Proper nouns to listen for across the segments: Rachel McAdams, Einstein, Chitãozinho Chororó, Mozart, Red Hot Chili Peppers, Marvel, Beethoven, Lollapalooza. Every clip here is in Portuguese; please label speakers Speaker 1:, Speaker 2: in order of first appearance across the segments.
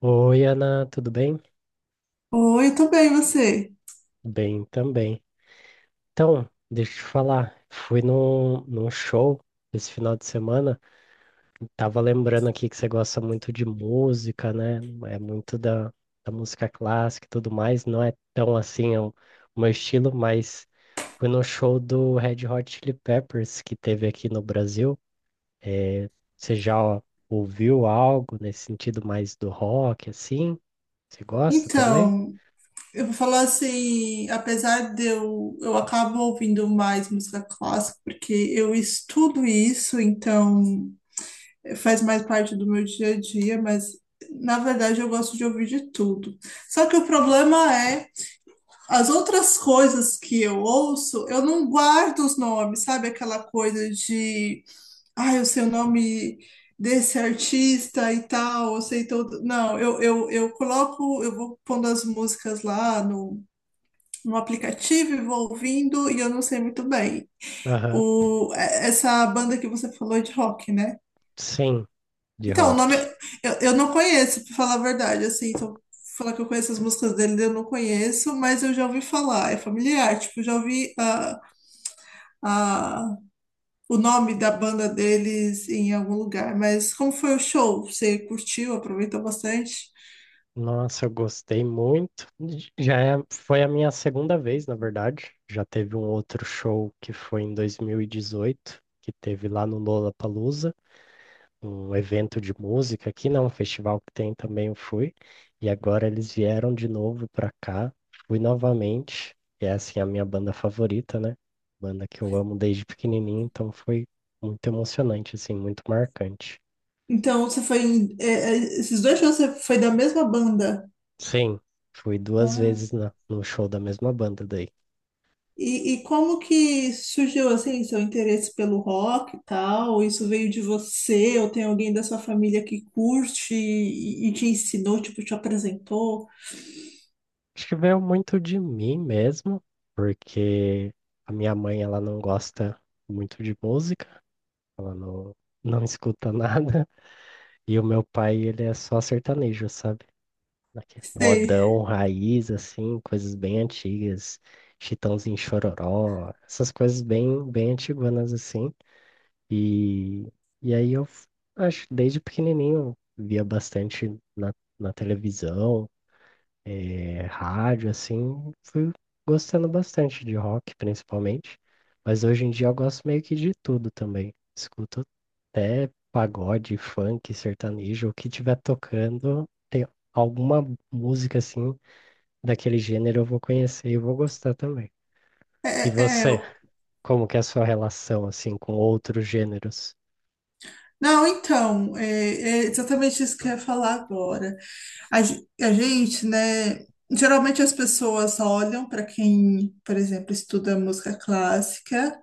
Speaker 1: Oi, Ana, tudo bem?
Speaker 2: Oi, eu tô bem, você?
Speaker 1: Bem também. Então, deixa eu te falar, fui num show esse final de semana. Tava lembrando aqui que você gosta muito de música, né? É muito da música clássica e tudo mais. Não é tão assim é o meu estilo, mas fui no show do Red Hot Chili Peppers que teve aqui no Brasil. Eh, Você já ouviu algo nesse sentido mais do rock, assim? Você gosta também?
Speaker 2: Então, eu vou falar assim, apesar de eu acabo ouvindo mais música clássica, porque eu estudo isso, então faz mais parte do meu dia a dia, mas na verdade eu gosto de ouvir de tudo. Só que o problema é, as outras coisas que eu ouço, eu não guardo os nomes, sabe? Aquela coisa de ai, eu sei o nome desse artista e tal, eu sei todo. Não, eu coloco, eu vou pondo as músicas lá no, no aplicativo e vou ouvindo e eu não sei muito bem.
Speaker 1: Aham.
Speaker 2: Essa banda que você falou é de rock, né?
Speaker 1: Sim, de
Speaker 2: Então, o nome
Speaker 1: rock.
Speaker 2: eu não conheço, pra falar a verdade, assim, então falar que eu conheço as músicas dele, eu não conheço, mas eu já ouvi falar, é familiar, tipo, já ouvi a, o nome da banda deles em algum lugar. Mas como foi o show? Você curtiu, aproveitou bastante?
Speaker 1: Nossa, eu gostei muito. Foi a minha segunda vez, na verdade. Já teve um outro show que foi em 2018, que teve lá no Lollapalooza, um evento de música aqui, não, um festival que tem também eu fui. E agora eles vieram de novo pra cá. Fui novamente. E é assim a minha banda favorita, né? Banda que eu amo desde pequenininho, então foi muito emocionante, assim, muito marcante.
Speaker 2: Então, você foi esses dois shows você foi da mesma banda.
Speaker 1: Sim, fui duas
Speaker 2: Ah,
Speaker 1: vezes no show da mesma banda daí.
Speaker 2: e como que surgiu assim seu interesse pelo rock e tal? Isso veio de você ou tem alguém da sua família que curte e te ensinou, tipo, te apresentou?
Speaker 1: Acho que veio muito de mim mesmo, porque a minha mãe ela não gosta muito de música, ela não, não escuta nada, e o meu pai ele é só sertanejo, sabe? Aqui,
Speaker 2: Sei.
Speaker 1: modão, raiz, assim, coisas bem antigas, Chitãozinho Chororó, essas coisas bem antiguanas assim. E, e aí acho, desde pequenininho, eu via bastante na, na televisão, rádio, assim, fui gostando bastante de rock, principalmente. Mas hoje em dia eu gosto meio que de tudo também. Escuto até pagode, funk, sertanejo, o que tiver tocando, tem alguma música assim daquele gênero eu vou conhecer e vou gostar também.
Speaker 2: É,
Speaker 1: E
Speaker 2: é,
Speaker 1: você, como que é a sua relação assim com outros gêneros?
Speaker 2: não, então, é exatamente isso que eu ia falar agora. A gente, né? Geralmente as pessoas só olham para quem, por exemplo, estuda música clássica,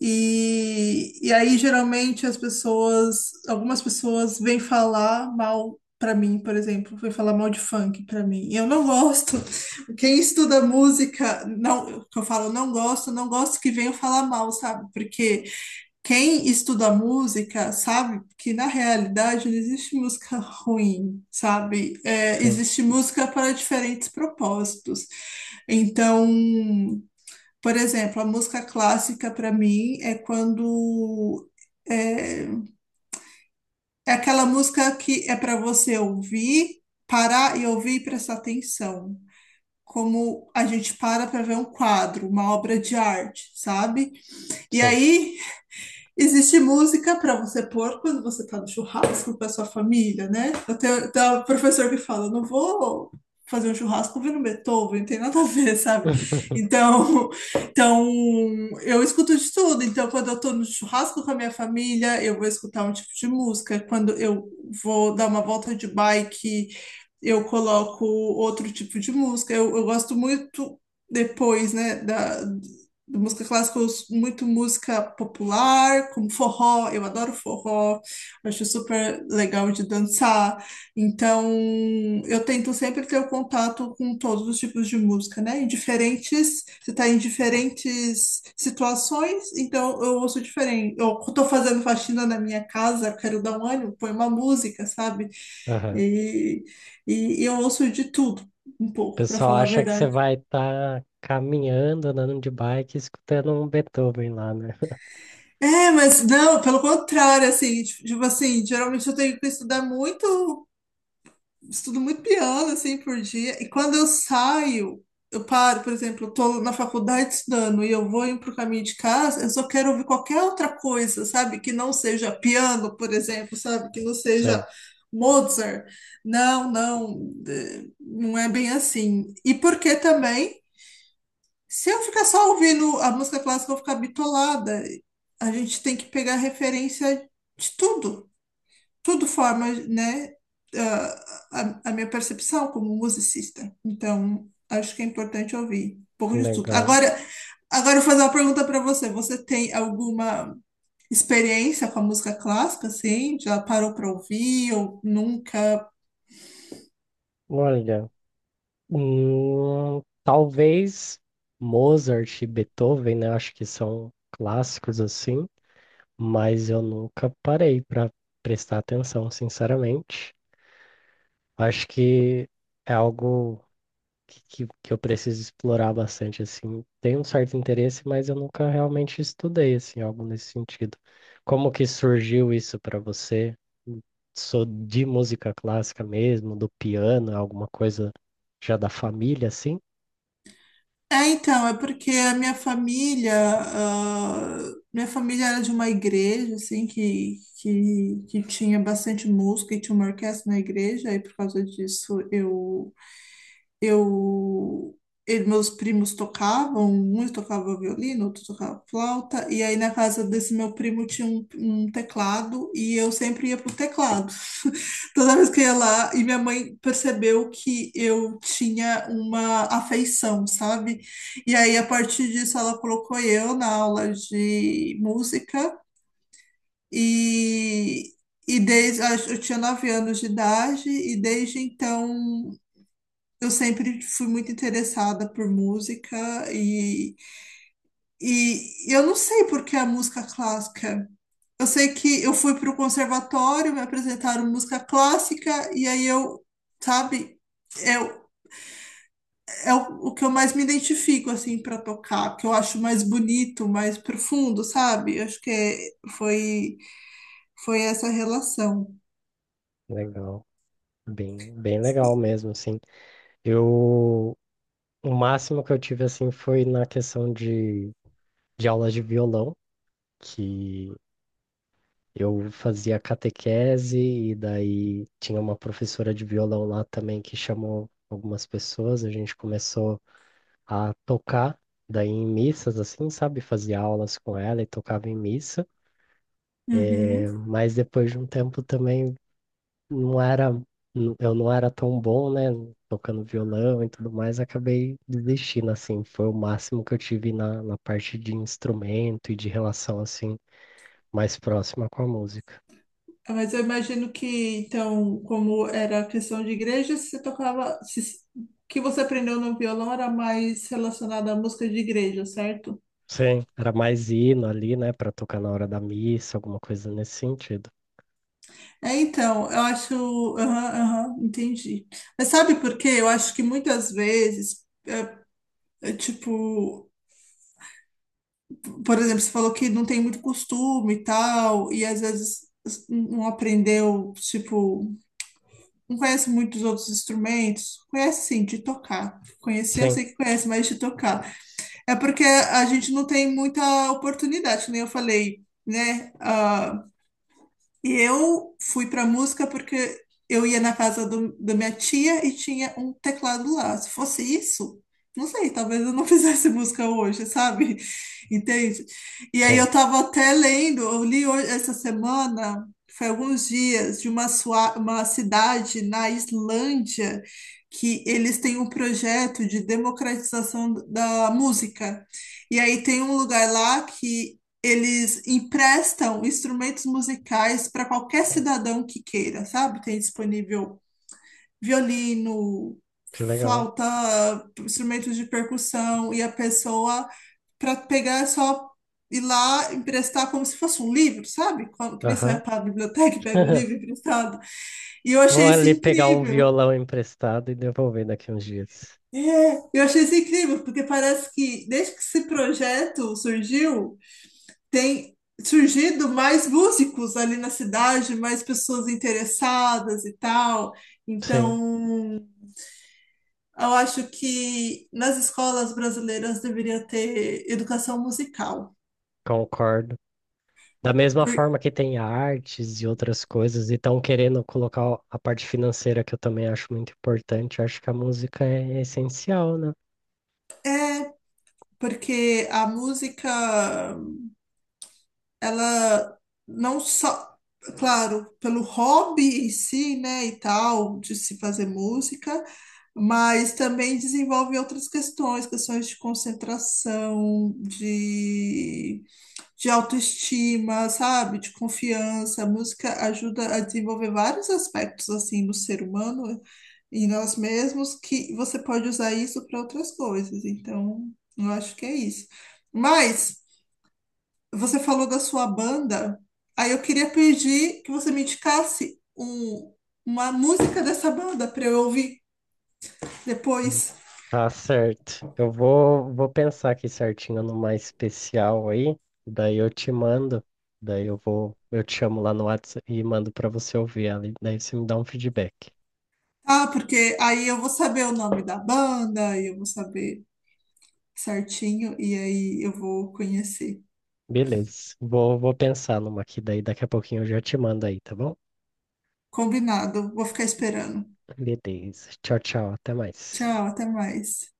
Speaker 2: e aí geralmente as pessoas, algumas pessoas vêm falar mal para mim, por exemplo, vêm falar mal de funk para mim. E eu não gosto. Quem estuda música, não, que eu falo não gosto, não gosto que venham falar mal, sabe? Porque. Quem estuda música sabe que na realidade não existe música ruim, sabe? É,
Speaker 1: Sim,
Speaker 2: existe música para diferentes propósitos. Então, por exemplo, a música clássica para mim é é, é aquela música que é para você ouvir, parar e ouvir e prestar atenção. Como a gente para para ver um quadro, uma obra de arte, sabe? E
Speaker 1: sim.
Speaker 2: aí existe música para você pôr quando você está no churrasco com a sua família, né? Eu tenho, tem um professor que fala, não vou fazer um churrasco ouvindo Beethoven, tem nada a ver, sabe? Então, então, eu escuto de tudo. Então, quando eu estou no churrasco com a minha família, eu vou escutar um tipo de música. Quando eu vou dar uma volta de bike, eu coloco outro tipo de música. Eu gosto muito depois, né, da, de música clássica, eu ouço muito música popular, como forró, eu adoro forró, acho super legal de dançar. Então, eu tento sempre ter o contato com todos os tipos de música, né? Em diferentes, você está em diferentes situações, então eu ouço diferente. Eu estou fazendo faxina na minha casa, quero dar um ânimo, põe uma música, sabe?
Speaker 1: Aham. O
Speaker 2: E, e eu ouço de tudo, um pouco, para
Speaker 1: pessoal
Speaker 2: falar a
Speaker 1: acha que você
Speaker 2: verdade.
Speaker 1: vai estar caminhando, andando de bike, escutando um Beethoven lá, né?
Speaker 2: É, mas não, pelo contrário, assim, tipo assim, geralmente eu tenho que estudar muito, estudo muito piano, assim, por dia, e quando eu saio, eu paro, por exemplo, eu tô na faculdade estudando e eu vou indo pro caminho de casa, eu só quero ouvir qualquer outra coisa, sabe, que não seja piano, por exemplo, sabe, que não seja
Speaker 1: Sim,
Speaker 2: Mozart, não, não é bem assim, e porque também se eu ficar só ouvindo a música clássica, eu vou ficar bitolada. A gente tem que pegar referência de tudo. Tudo forma, né, a minha percepção como musicista. Então, acho que é importante ouvir um pouco de tudo.
Speaker 1: legal.
Speaker 2: Agora, eu vou fazer uma pergunta para você. Você tem alguma experiência com a música clássica, assim? Já parou para ouvir ou nunca?
Speaker 1: Olha, talvez Mozart e Beethoven, né? Acho que são clássicos assim, mas eu nunca parei para prestar atenção, sinceramente. Acho que é algo que, que eu preciso explorar bastante, assim. Tem um certo interesse, mas eu nunca realmente estudei, assim, algo nesse sentido. Como que surgiu isso para você? Sou de música clássica mesmo, do piano, alguma coisa já da família, assim?
Speaker 2: É, então, é porque a minha família, ah, minha família era de uma igreja, assim, que tinha bastante música e tinha uma orquestra na igreja, e por causa disso eu, e meus primos tocavam, uns tocavam violino, outros tocavam flauta, e aí na casa desse meu primo tinha um teclado, e eu sempre ia pro teclado. Toda vez que eu ia lá, e minha mãe percebeu que eu tinha uma afeição, sabe? E aí, a partir disso, ela colocou eu na aula de música e, e desde, eu tinha 9 anos de idade e desde então eu sempre fui muito interessada por música e, e eu não sei por que a música clássica. Eu sei que eu fui para o conservatório, me apresentaram música clássica, e aí eu, sabe, é, o- o que eu mais me identifico, assim, para tocar, que eu acho mais bonito, mais profundo, sabe? Eu acho que foi, foi essa relação.
Speaker 1: Legal. Bem, bem legal
Speaker 2: E-
Speaker 1: mesmo, assim. Eu, o máximo que eu tive, assim, foi na questão de aulas de violão, que eu fazia catequese e daí tinha uma professora de violão lá também que chamou algumas pessoas, a gente começou a tocar daí em missas assim, sabe? Fazia aulas com ela e tocava em missa.
Speaker 2: Uhum.
Speaker 1: Mas depois de um tempo também não era eu não era tão bom, né, tocando violão e tudo mais, acabei desistindo assim, foi o máximo que eu tive na parte de instrumento e de relação assim mais próxima com a música.
Speaker 2: Mas eu imagino que, então, como era a questão de igreja, você tocava, o que você aprendeu no violão era mais relacionado à música de igreja, certo?
Speaker 1: Sim, era mais hino ali, né, pra tocar na hora da missa, alguma coisa nesse sentido.
Speaker 2: É, então, eu acho. Aham, aham, entendi. Mas sabe por quê? Eu acho que muitas vezes, tipo, por exemplo, você falou que não tem muito costume e tal, e às vezes não aprendeu, tipo, não conhece muitos outros instrumentos. Conhece sim, de tocar. Conhecer, eu
Speaker 1: Sim,
Speaker 2: sei que conhece, mas de tocar. É porque a gente não tem muita oportunidade, que nem eu falei, né? Ah, e eu fui para música porque eu ia na casa da minha tia e tinha um teclado lá. Se fosse isso, não sei, talvez eu não fizesse música hoje, sabe? Entende? E aí eu
Speaker 1: sim,
Speaker 2: tava até lendo, eu li hoje, essa semana, foi alguns dias, de uma cidade na Islândia que eles têm um projeto de democratização da música. E aí tem um lugar lá que eles emprestam instrumentos musicais para qualquer cidadão que queira, sabe? Tem disponível violino,
Speaker 1: que legal.
Speaker 2: flauta, instrumentos de percussão, e a pessoa, para pegar, é só ir lá emprestar como se fosse um livro, sabe? Quando, que nem você
Speaker 1: Aham.
Speaker 2: vai para a biblioteca e pega um livro emprestado. E eu
Speaker 1: Vou
Speaker 2: achei isso
Speaker 1: ali pegar um
Speaker 2: incrível.
Speaker 1: violão emprestado e devolver daqui uns dias.
Speaker 2: É, eu achei isso incrível, porque parece que desde que esse projeto surgiu, tem surgido mais músicos ali na cidade, mais pessoas interessadas e tal.
Speaker 1: Sim,
Speaker 2: Então, eu acho que nas escolas brasileiras deveria ter educação musical,
Speaker 1: concordo. Da mesma
Speaker 2: por-
Speaker 1: forma que tem artes e outras coisas, e estão querendo colocar a parte financeira, que eu também acho muito importante, acho que a música é essencial, né?
Speaker 2: porque a música, ela não só, claro, pelo hobby em si, né, e tal, de se fazer música, mas também desenvolve outras questões, questões de concentração, de autoestima, sabe? De confiança. A música ajuda a desenvolver vários aspectos assim no ser humano e nós mesmos que você pode usar isso para outras coisas. Então, eu acho que é isso. Mas você falou da sua banda, aí eu queria pedir que você me indicasse uma música dessa banda para eu ouvir depois.
Speaker 1: Tá certo. Eu vou, vou pensar aqui certinho numa especial aí, daí eu te mando, daí eu te chamo lá no WhatsApp e mando pra você ouvir ali, daí você me dá um feedback.
Speaker 2: Ah, porque aí eu vou saber o nome da banda, aí eu vou saber certinho e aí eu vou conhecer.
Speaker 1: Beleza. Vou, vou pensar numa aqui, daí daqui a pouquinho eu já te mando aí, tá bom?
Speaker 2: Combinado. Vou ficar esperando.
Speaker 1: Beleza. Tchau, tchau. Até mais.
Speaker 2: Tchau, até mais.